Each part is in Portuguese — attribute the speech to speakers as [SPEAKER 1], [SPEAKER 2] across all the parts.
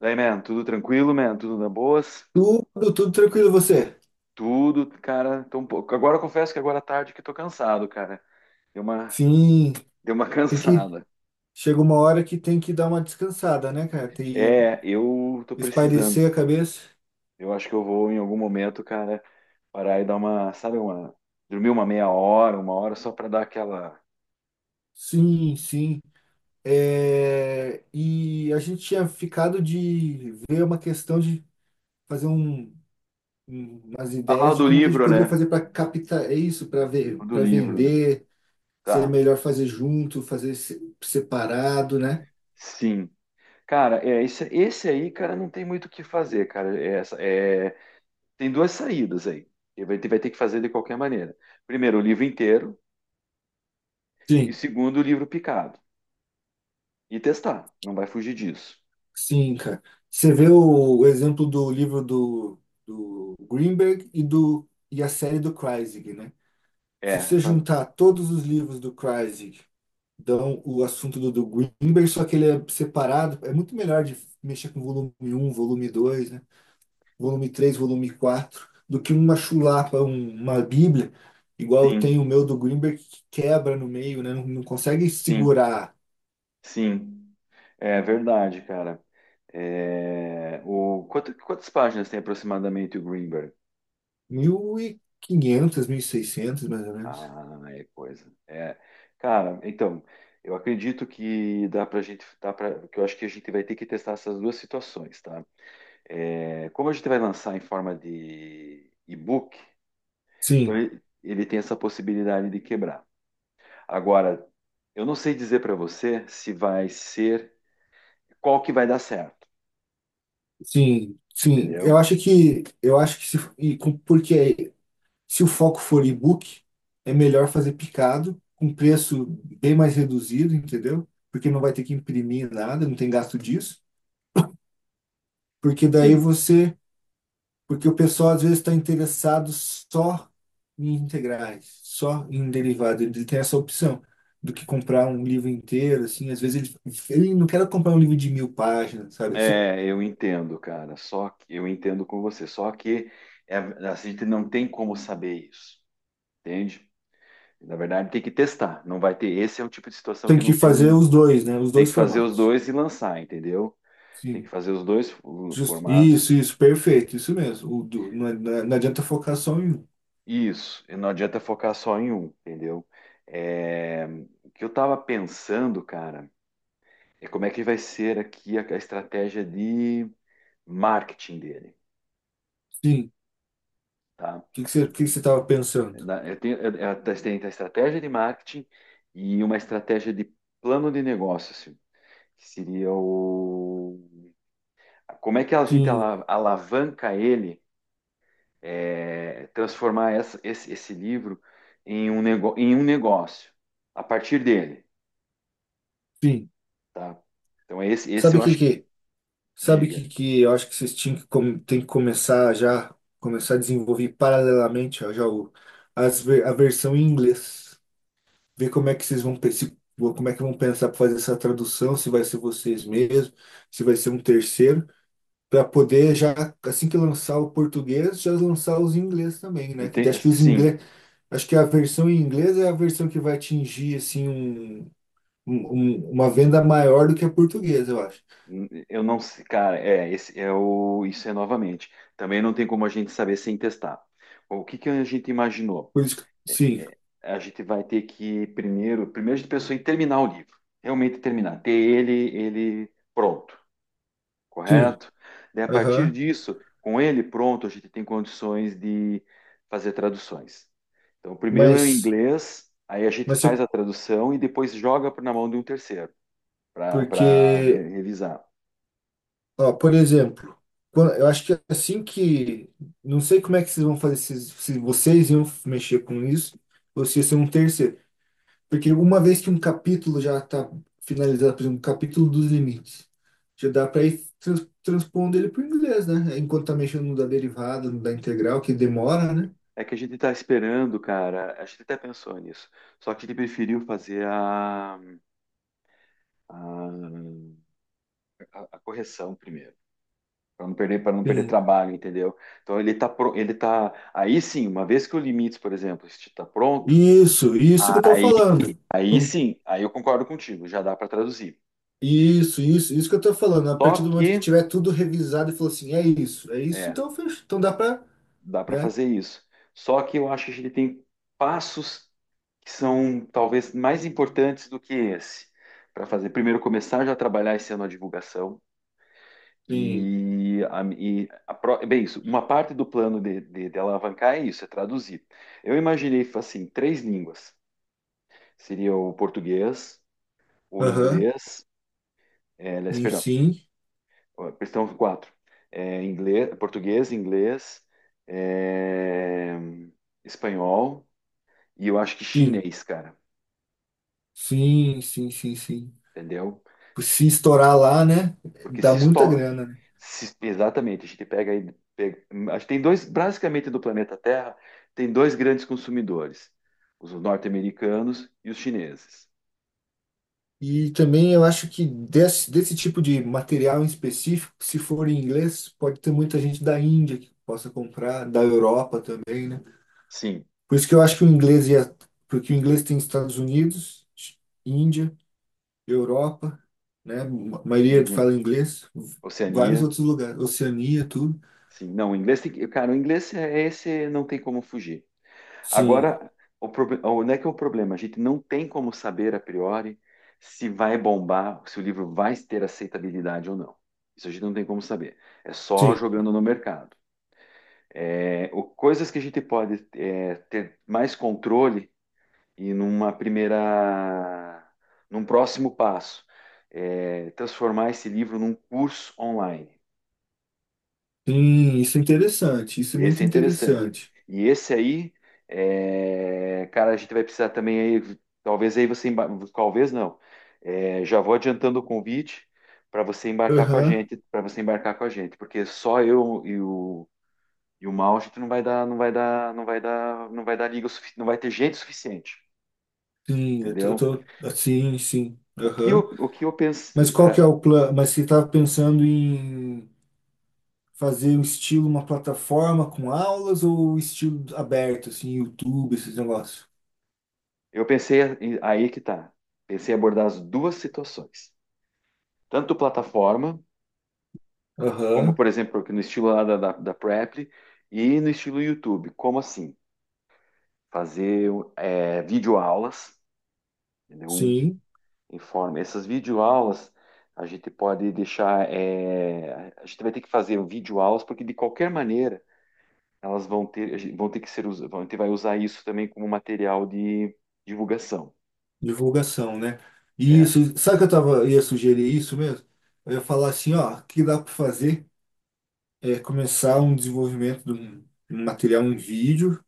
[SPEAKER 1] Daí, man, tudo tranquilo, man, tudo na boas,
[SPEAKER 2] Tudo, tudo tranquilo, você?
[SPEAKER 1] tudo, cara, tô um pouco. Agora eu confesso que agora à tarde que tô cansado, cara. Deu uma,
[SPEAKER 2] Sim,
[SPEAKER 1] deu uma
[SPEAKER 2] tem que.
[SPEAKER 1] cansada.
[SPEAKER 2] Chega uma hora que tem que dar uma descansada, né, cara? Tem que
[SPEAKER 1] É, eu tô precisando.
[SPEAKER 2] espairecer a cabeça.
[SPEAKER 1] Eu acho que eu vou em algum momento, cara, parar e dar uma, sabe, uma, dormir uma meia hora, uma hora só pra dar aquela.
[SPEAKER 2] Sim, sim. É, e a gente tinha ficado de ver uma questão de fazer umas
[SPEAKER 1] Ah, o
[SPEAKER 2] ideias de
[SPEAKER 1] do
[SPEAKER 2] como que a gente
[SPEAKER 1] livro,
[SPEAKER 2] poderia
[SPEAKER 1] né?
[SPEAKER 2] fazer para captar é isso, para ver,
[SPEAKER 1] O do
[SPEAKER 2] para
[SPEAKER 1] livro, né?
[SPEAKER 2] vender, se é
[SPEAKER 1] Tá.
[SPEAKER 2] melhor fazer junto, fazer separado, né?
[SPEAKER 1] Sim. Cara, é esse aí, cara, não tem muito o que fazer, cara. É, tem duas saídas aí. Ele vai ter que fazer de qualquer maneira. Primeiro, o livro inteiro, e
[SPEAKER 2] Sim.
[SPEAKER 1] segundo, o livro picado. E testar, não vai fugir disso.
[SPEAKER 2] Sim, cara. Você vê o exemplo do livro do Greenberg e a série do Kreisig, né? Se
[SPEAKER 1] É,
[SPEAKER 2] você juntar todos os livros do Kreisig, dão o assunto do Greenberg, só que ele é separado, é muito melhor de mexer com volume um, volume dois, né? Volume três, volume 4 do que uma chulapa, uma bíblia, igual eu
[SPEAKER 1] sim,
[SPEAKER 2] tenho o meu do Greenberg, que quebra no meio, né? Não, não consegue
[SPEAKER 1] sim,
[SPEAKER 2] segurar
[SPEAKER 1] sim. É verdade, cara. É, quantas páginas tem aproximadamente o Greenberg?
[SPEAKER 2] mil, 1.500, mil e 1.600, mais ou menos.
[SPEAKER 1] Ah, é coisa. É, cara, então, eu acredito que dá pra gente, dá pra, que eu acho que a gente vai ter que testar essas duas situações, tá? É, como a gente vai lançar em forma de e-book, então
[SPEAKER 2] Sim.
[SPEAKER 1] ele tem essa possibilidade de quebrar. Agora, eu não sei dizer para você se vai ser qual que vai dar certo,
[SPEAKER 2] Sim, sim. Eu
[SPEAKER 1] entendeu?
[SPEAKER 2] acho que eu acho que se, e com- porque se o foco for e-book, é melhor fazer picado com preço bem mais reduzido, entendeu? Porque não vai ter que imprimir nada, não tem gasto disso. Porque daí
[SPEAKER 1] Sim,
[SPEAKER 2] você, porque o pessoal às vezes está interessado só em integrais, só em derivado. Ele tem essa opção do que comprar um livro inteiro, assim. Às vezes ele não quer comprar um livro de 1.000 páginas, sabe?
[SPEAKER 1] é, eu entendo, cara. Só que eu entendo com você. Só que é, a gente não tem como saber isso, entende? Na verdade, tem que testar. Não vai ter. Esse é um tipo de situação
[SPEAKER 2] Tem
[SPEAKER 1] que
[SPEAKER 2] que
[SPEAKER 1] não
[SPEAKER 2] fazer
[SPEAKER 1] tem.
[SPEAKER 2] os dois, né? Os
[SPEAKER 1] Tem
[SPEAKER 2] dois
[SPEAKER 1] que fazer os
[SPEAKER 2] formatos.
[SPEAKER 1] dois e lançar, entendeu? Tem que
[SPEAKER 2] Sim.
[SPEAKER 1] fazer os dois formatos.
[SPEAKER 2] Isso, isso, perfeito, isso mesmo. Não, é, não é, não adianta focar só em um.
[SPEAKER 1] Isso, e não adianta focar só em um, entendeu? É, o que eu estava pensando, cara, é como é que vai ser aqui a estratégia de marketing dele,
[SPEAKER 2] Sim.
[SPEAKER 1] tá?
[SPEAKER 2] O que que você estava pensando?
[SPEAKER 1] Eu testei a estratégia de marketing e uma estratégia de plano de negócios, que seria o... Como é que a gente
[SPEAKER 2] Sim,
[SPEAKER 1] alavanca ele, é, transformar esse livro em um negócio, a partir dele.
[SPEAKER 2] sim.
[SPEAKER 1] Tá? Então esse
[SPEAKER 2] Sabe
[SPEAKER 1] eu
[SPEAKER 2] o que
[SPEAKER 1] acho que,
[SPEAKER 2] que, sabe o que
[SPEAKER 1] diga,
[SPEAKER 2] que eu acho que vocês tem que começar já, começar a desenvolver paralelamente ó, já o, as, ver- a versão em inglês. Ver como é que vocês vão como é que vão pensar para fazer essa tradução, se vai ser vocês mesmos, se vai ser um terceiro, para poder já assim que lançar o português, já lançar os em inglês também, né? Que acho que os
[SPEAKER 1] Sim,
[SPEAKER 2] inglês Acho que a versão em inglês é a versão que vai atingir assim uma venda maior do que a portuguesa, eu acho.
[SPEAKER 1] eu não sei, cara, é, isso é novamente, também não tem como a gente saber sem testar. O que que a gente imaginou?
[SPEAKER 2] Por isso que, sim,
[SPEAKER 1] A gente vai ter que primeiro, primeiro a gente pensou em terminar o livro, realmente terminar, ter ele pronto,
[SPEAKER 2] sim.
[SPEAKER 1] correto? Daí a partir
[SPEAKER 2] Aham.
[SPEAKER 1] disso, com ele pronto, a gente tem condições de fazer traduções. Então primeiro é o
[SPEAKER 2] Mas
[SPEAKER 1] inglês, aí a gente
[SPEAKER 2] mas é
[SPEAKER 1] faz a tradução e depois joga na mão de um terceiro para re
[SPEAKER 2] porque,
[SPEAKER 1] revisar.
[SPEAKER 2] ó, por exemplo, eu acho que assim que não sei como é que vocês vão fazer se vocês iam mexer com isso ou se ia ser um terceiro. Porque uma vez que um capítulo já está finalizado, por exemplo, o capítulo dos limites, já dá para ir transpondo ele para o inglês, né? É, enquanto está mexendo no da derivada, no da integral, que demora, né?
[SPEAKER 1] É que a gente está esperando, cara, a gente até pensou nisso, só que a gente preferiu fazer a, a correção primeiro, para não perder
[SPEAKER 2] Sim.
[SPEAKER 1] trabalho, entendeu? Então ele tá, pro- ele tá, aí sim, uma vez que o limites, por exemplo, está pronto,
[SPEAKER 2] Isso que eu estou falando.
[SPEAKER 1] aí
[SPEAKER 2] Com-
[SPEAKER 1] sim, aí eu concordo contigo, já dá para traduzir.
[SPEAKER 2] Isso, isso, isso que eu estou falando. A
[SPEAKER 1] Só
[SPEAKER 2] partir do momento que
[SPEAKER 1] que,
[SPEAKER 2] tiver tudo revisado e falou assim, é isso,
[SPEAKER 1] é,
[SPEAKER 2] então fecha. Então dá para,
[SPEAKER 1] dá para
[SPEAKER 2] né?
[SPEAKER 1] fazer isso. Só que eu acho que a gente tem passos que são talvez mais importantes do que esse para fazer. Primeiro, começar já a trabalhar esse ano a divulgação.
[SPEAKER 2] Sim.
[SPEAKER 1] Bem, isso, uma parte do plano de alavancar é isso, é traduzir. Eu imaginei assim, três línguas. Seria o português, o
[SPEAKER 2] Aham.
[SPEAKER 1] inglês, aliás,
[SPEAKER 2] E
[SPEAKER 1] perdão,
[SPEAKER 2] sim,
[SPEAKER 1] questão quatro. É, inglês, português, inglês, é, espanhol, e eu acho que
[SPEAKER 2] sim.
[SPEAKER 1] chinês, cara,
[SPEAKER 2] Sim, sim, sim, sim.
[SPEAKER 1] entendeu?
[SPEAKER 2] Se
[SPEAKER 1] Chi-
[SPEAKER 2] estourar lá, né?
[SPEAKER 1] Porque
[SPEAKER 2] Dá
[SPEAKER 1] se,
[SPEAKER 2] muita
[SPEAKER 1] esto-
[SPEAKER 2] grana.
[SPEAKER 1] se- exatamente, a gente pega aí, acho que tem dois, basicamente do planeta Terra, tem dois grandes consumidores, os norte-americanos e os chineses.
[SPEAKER 2] E também eu acho que desse tipo de material em específico, se for em inglês, pode ter muita gente da Índia que possa comprar, da Europa também, né?
[SPEAKER 1] Sim.
[SPEAKER 2] Por isso que eu acho que o inglês ia, porque o inglês tem Estados Unidos, Índia, Europa, né? A maioria
[SPEAKER 1] Uhum.
[SPEAKER 2] fala inglês, vários
[SPEAKER 1] Oceania,
[SPEAKER 2] outros lugares, Oceania, tudo.
[SPEAKER 1] sim. Não, o inglês tem que, cara, o inglês é esse, não tem como fugir.
[SPEAKER 2] Sim,
[SPEAKER 1] Agora, onde é que é o problema? A gente não tem como saber a priori se vai bombar, se o livro vai ter aceitabilidade ou não. Isso a gente não tem como saber. É só
[SPEAKER 2] sim,
[SPEAKER 1] jogando no mercado. É, coisas que a gente pode é, ter mais controle e num próximo passo, é, transformar esse livro num curso online.
[SPEAKER 2] sim, isso é interessante, isso é
[SPEAKER 1] Esse
[SPEAKER 2] muito
[SPEAKER 1] é interessante.
[SPEAKER 2] interessante.
[SPEAKER 1] E esse aí, é, cara, a gente vai precisar também aí, talvez aí você, talvez não. É, já vou adiantando o convite para você embarcar com a
[SPEAKER 2] Aham,
[SPEAKER 1] gente, para você embarcar com a gente, porque só eu e o Mal, a gente não vai dar, não vai dar, não vai dar, não vai dar liga, não vai ter gente suficiente,
[SPEAKER 2] sim, eu tô, eu
[SPEAKER 1] entendeu?
[SPEAKER 2] tô, sim, sim,
[SPEAKER 1] O que eu,
[SPEAKER 2] aham.
[SPEAKER 1] o que eu pensei,
[SPEAKER 2] Mas qual que é o plano? Mas você estava pensando em fazer o estilo uma plataforma com aulas ou um estilo aberto, assim, YouTube, esses negócios?
[SPEAKER 1] aí que tá. Pensei em abordar as duas situações, tanto plataforma como,
[SPEAKER 2] Aham,
[SPEAKER 1] por exemplo, aqui no estilo lá da Preply e no estilo YouTube. Como assim? Fazer videoaulas, entendeu? Um,
[SPEAKER 2] sim,
[SPEAKER 1] em forma. Essas videoaulas a gente pode deixar. A gente vai ter que fazer um videoaulas, porque de qualquer maneira elas vão ter, vão ter que ser usadas. A gente vai usar isso também como material de divulgação.
[SPEAKER 2] divulgação, né?
[SPEAKER 1] É,
[SPEAKER 2] Isso, sabe que eu tava, ia sugerir isso mesmo? Eu ia falar assim, ó, o que dá para fazer é começar um desenvolvimento de um material, um vídeo,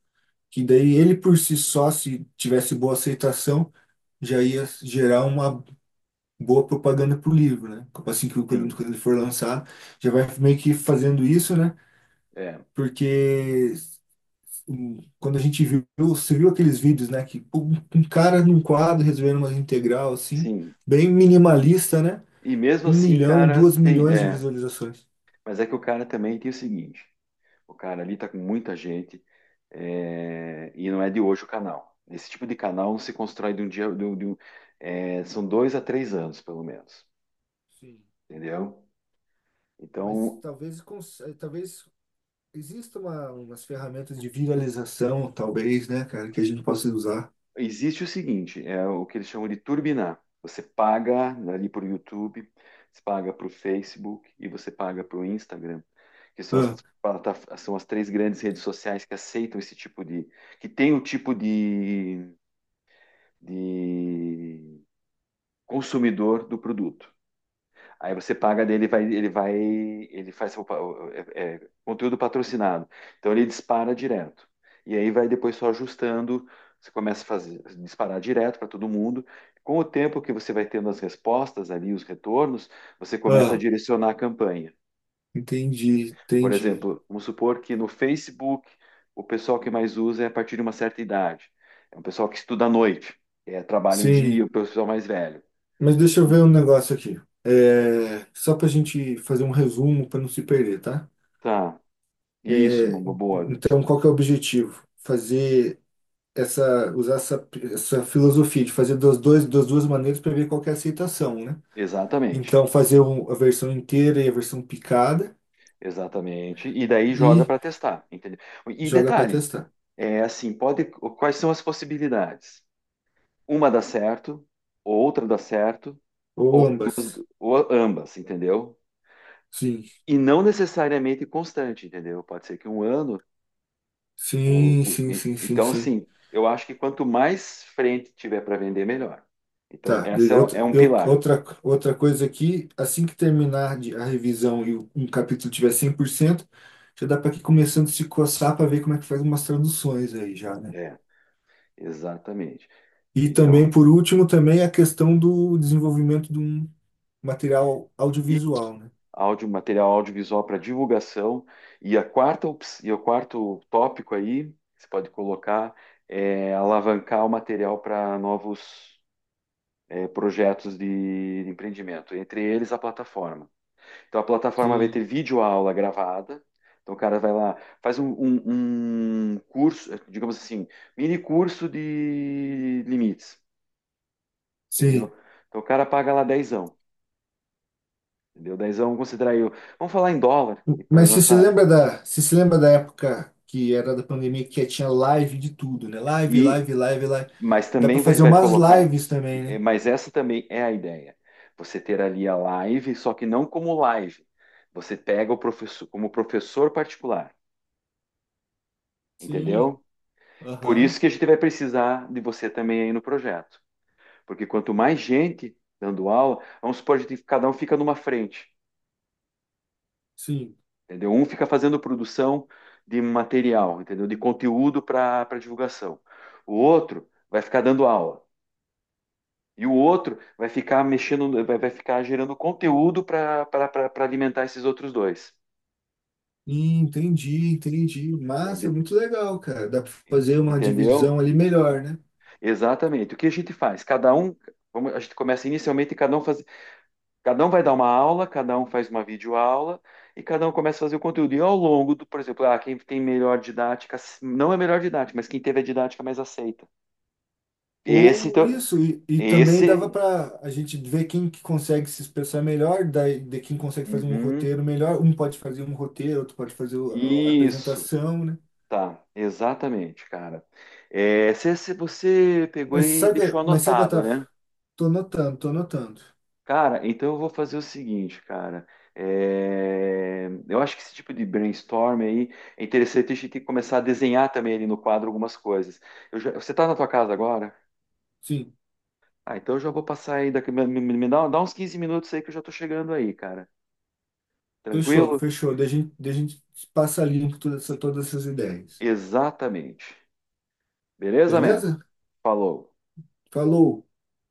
[SPEAKER 2] que daí ele por si só, se tivesse boa aceitação, já ia gerar uma boa propaganda pro livro, né? Assim que o produto,
[SPEAKER 1] sim,
[SPEAKER 2] quando ele for lançar, já vai meio que fazendo isso, né?
[SPEAKER 1] é,
[SPEAKER 2] Porque quando você viu aqueles vídeos, né? Que um cara num quadro resolvendo uma integral, assim,
[SPEAKER 1] sim.
[SPEAKER 2] bem minimalista, né?
[SPEAKER 1] E mesmo
[SPEAKER 2] Um
[SPEAKER 1] assim,
[SPEAKER 2] milhão,
[SPEAKER 1] cara,
[SPEAKER 2] duas
[SPEAKER 1] tem.
[SPEAKER 2] milhões de
[SPEAKER 1] É,
[SPEAKER 2] visualizações.
[SPEAKER 1] mas é que o cara também tem o seguinte: o cara ali tá com muita gente. É, e não é de hoje o canal. Esse tipo de canal não se constrói de um dia. São 2 a 3 anos, pelo menos.
[SPEAKER 2] Sim.
[SPEAKER 1] Entendeu?
[SPEAKER 2] Mas
[SPEAKER 1] Então,
[SPEAKER 2] talvez, talvez exista umas ferramentas de viralização, talvez, né, cara, que a gente
[SPEAKER 1] o-
[SPEAKER 2] possa usar.
[SPEAKER 1] existe o seguinte: é o que eles chamam de turbinar. Você paga ali para o YouTube, você paga para o Facebook e você paga para o Instagram, que
[SPEAKER 2] Ah,
[SPEAKER 1] são as três grandes redes sociais que aceitam esse tipo de. Que tem o tipo de consumidor do produto. Aí você paga dele, ele faz seu pa- é, é, conteúdo patrocinado. Então ele dispara direto. E aí vai depois só ajustando. Você começa a fazer, disparar direto para todo mundo. Com o tempo que você vai tendo as respostas ali, os retornos, você começa a
[SPEAKER 2] ah,
[SPEAKER 1] direcionar a campanha.
[SPEAKER 2] entendi,
[SPEAKER 1] Por
[SPEAKER 2] entendi.
[SPEAKER 1] exemplo, vamos supor que no Facebook o pessoal que mais usa é a partir de uma certa idade. É um pessoal que estuda à noite, trabalha o dia,
[SPEAKER 2] Sim,
[SPEAKER 1] o pessoal mais velho.
[SPEAKER 2] mas deixa eu ver um negócio aqui. É, só para a gente fazer um resumo para não se perder, tá?
[SPEAKER 1] Tá, isso, uma
[SPEAKER 2] É,
[SPEAKER 1] boa.
[SPEAKER 2] então, qual que é o objetivo? Usar essa filosofia de fazer das duas maneiras para ver qual que é a aceitação, né?
[SPEAKER 1] Exatamente.
[SPEAKER 2] Então, fazer a versão inteira e a versão picada
[SPEAKER 1] Exatamente. E daí joga
[SPEAKER 2] e
[SPEAKER 1] para testar, entendeu? E
[SPEAKER 2] joga para
[SPEAKER 1] detalhe,
[SPEAKER 2] testar.
[SPEAKER 1] é assim, pode, quais são as possibilidades? Uma dá certo, outra dá certo,
[SPEAKER 2] Ou ambas.
[SPEAKER 1] ou ambas, entendeu?
[SPEAKER 2] Sim,
[SPEAKER 1] E não necessariamente constante, entendeu? Pode ser que um ano,
[SPEAKER 2] sim, sim, sim, sim,
[SPEAKER 1] então
[SPEAKER 2] sim.
[SPEAKER 1] assim, eu acho que quanto mais frente tiver para vender, melhor. Então,
[SPEAKER 2] Tá,
[SPEAKER 1] essa é um pilar.
[SPEAKER 2] outra coisa aqui, assim que terminar a revisão e um capítulo tiver 100% já dá para ir começando a se coçar para ver como é que faz umas traduções aí já, né?
[SPEAKER 1] É, exatamente.
[SPEAKER 2] E
[SPEAKER 1] Então,
[SPEAKER 2] também, por último, também a questão do desenvolvimento de um material audiovisual, né?
[SPEAKER 1] áudio, material audiovisual para divulgação. E e o quarto tópico aí, que você pode colocar, é alavancar o material para novos projetos de empreendimento, entre eles a plataforma. Então, a plataforma vai ter
[SPEAKER 2] Sim.
[SPEAKER 1] videoaula gravada. Então, o cara vai lá, faz um curso, digamos assim, mini curso de limites, entendeu?
[SPEAKER 2] Sim.
[SPEAKER 1] Então, o cara paga lá dezão, entendeu? Dezão, vamos considerar aí, vamos falar em dólar, e para
[SPEAKER 2] Mas você se
[SPEAKER 1] nossa,
[SPEAKER 2] lembra da, você se lembra da época que era da pandemia que tinha live de tudo, né? Live,
[SPEAKER 1] e
[SPEAKER 2] live, live, live.
[SPEAKER 1] mas
[SPEAKER 2] Dá para
[SPEAKER 1] também vai,
[SPEAKER 2] fazer
[SPEAKER 1] vai
[SPEAKER 2] umas
[SPEAKER 1] colocar.
[SPEAKER 2] lives também, né?
[SPEAKER 1] Mas essa também é a ideia. Você ter ali a live, só que não como live. Você pega o professor como professor particular,
[SPEAKER 2] Sim,
[SPEAKER 1] entendeu? Por
[SPEAKER 2] aham,
[SPEAKER 1] isso que a gente vai precisar de você também aí no projeto. Porque quanto mais gente dando aula, vamos supor, cada um fica numa frente,
[SPEAKER 2] sim.
[SPEAKER 1] entendeu? Um fica fazendo produção de material, entendeu? De conteúdo para divulgação. O outro vai ficar dando aula. E o outro vai ficar mexendo, vai ficar gerando conteúdo para alimentar esses outros dois.
[SPEAKER 2] Entendi, entendi.
[SPEAKER 1] Entende-
[SPEAKER 2] Massa, muito legal, cara. Dá para fazer uma
[SPEAKER 1] Entendeu?
[SPEAKER 2] divisão ali melhor, né?
[SPEAKER 1] Exatamente. O que a gente faz? Cada um, a gente começa inicialmente, cada um faz, cada um vai dar uma aula, cada um faz uma videoaula e cada um começa a fazer o conteúdo. E ao longo do, por exemplo, quem tem melhor didática, não é melhor didática, mas quem teve a didática mais aceita. Esse,
[SPEAKER 2] Ou
[SPEAKER 1] então,
[SPEAKER 2] isso, e também dava
[SPEAKER 1] esse,
[SPEAKER 2] para a gente ver quem que consegue se expressar melhor, daí, de quem consegue fazer um
[SPEAKER 1] uhum,
[SPEAKER 2] roteiro melhor. Um pode fazer um roteiro, outro pode fazer a
[SPEAKER 1] isso.
[SPEAKER 2] apresentação, né?
[SPEAKER 1] Tá, exatamente, cara. É, se você pegou e deixou
[SPEAKER 2] Mas saca,
[SPEAKER 1] anotado,
[SPEAKER 2] tá,
[SPEAKER 1] né?
[SPEAKER 2] tô notando, tô notando.
[SPEAKER 1] Cara, então eu vou fazer o seguinte, cara. É, eu acho que esse tipo de brainstorm aí é interessante, a gente tem que começar a desenhar também ali no quadro algumas coisas. Você tá na tua casa agora?
[SPEAKER 2] Sim,
[SPEAKER 1] Ah, então eu já vou passar aí daqui, me dá uns 15 minutos aí que eu já tô chegando aí, cara.
[SPEAKER 2] fechou,
[SPEAKER 1] Tranquilo?
[SPEAKER 2] fechou. Daí a gente passa limpo todas essas ideias.
[SPEAKER 1] Exatamente. Beleza, man?
[SPEAKER 2] Beleza?
[SPEAKER 1] Falou.
[SPEAKER 2] Falou!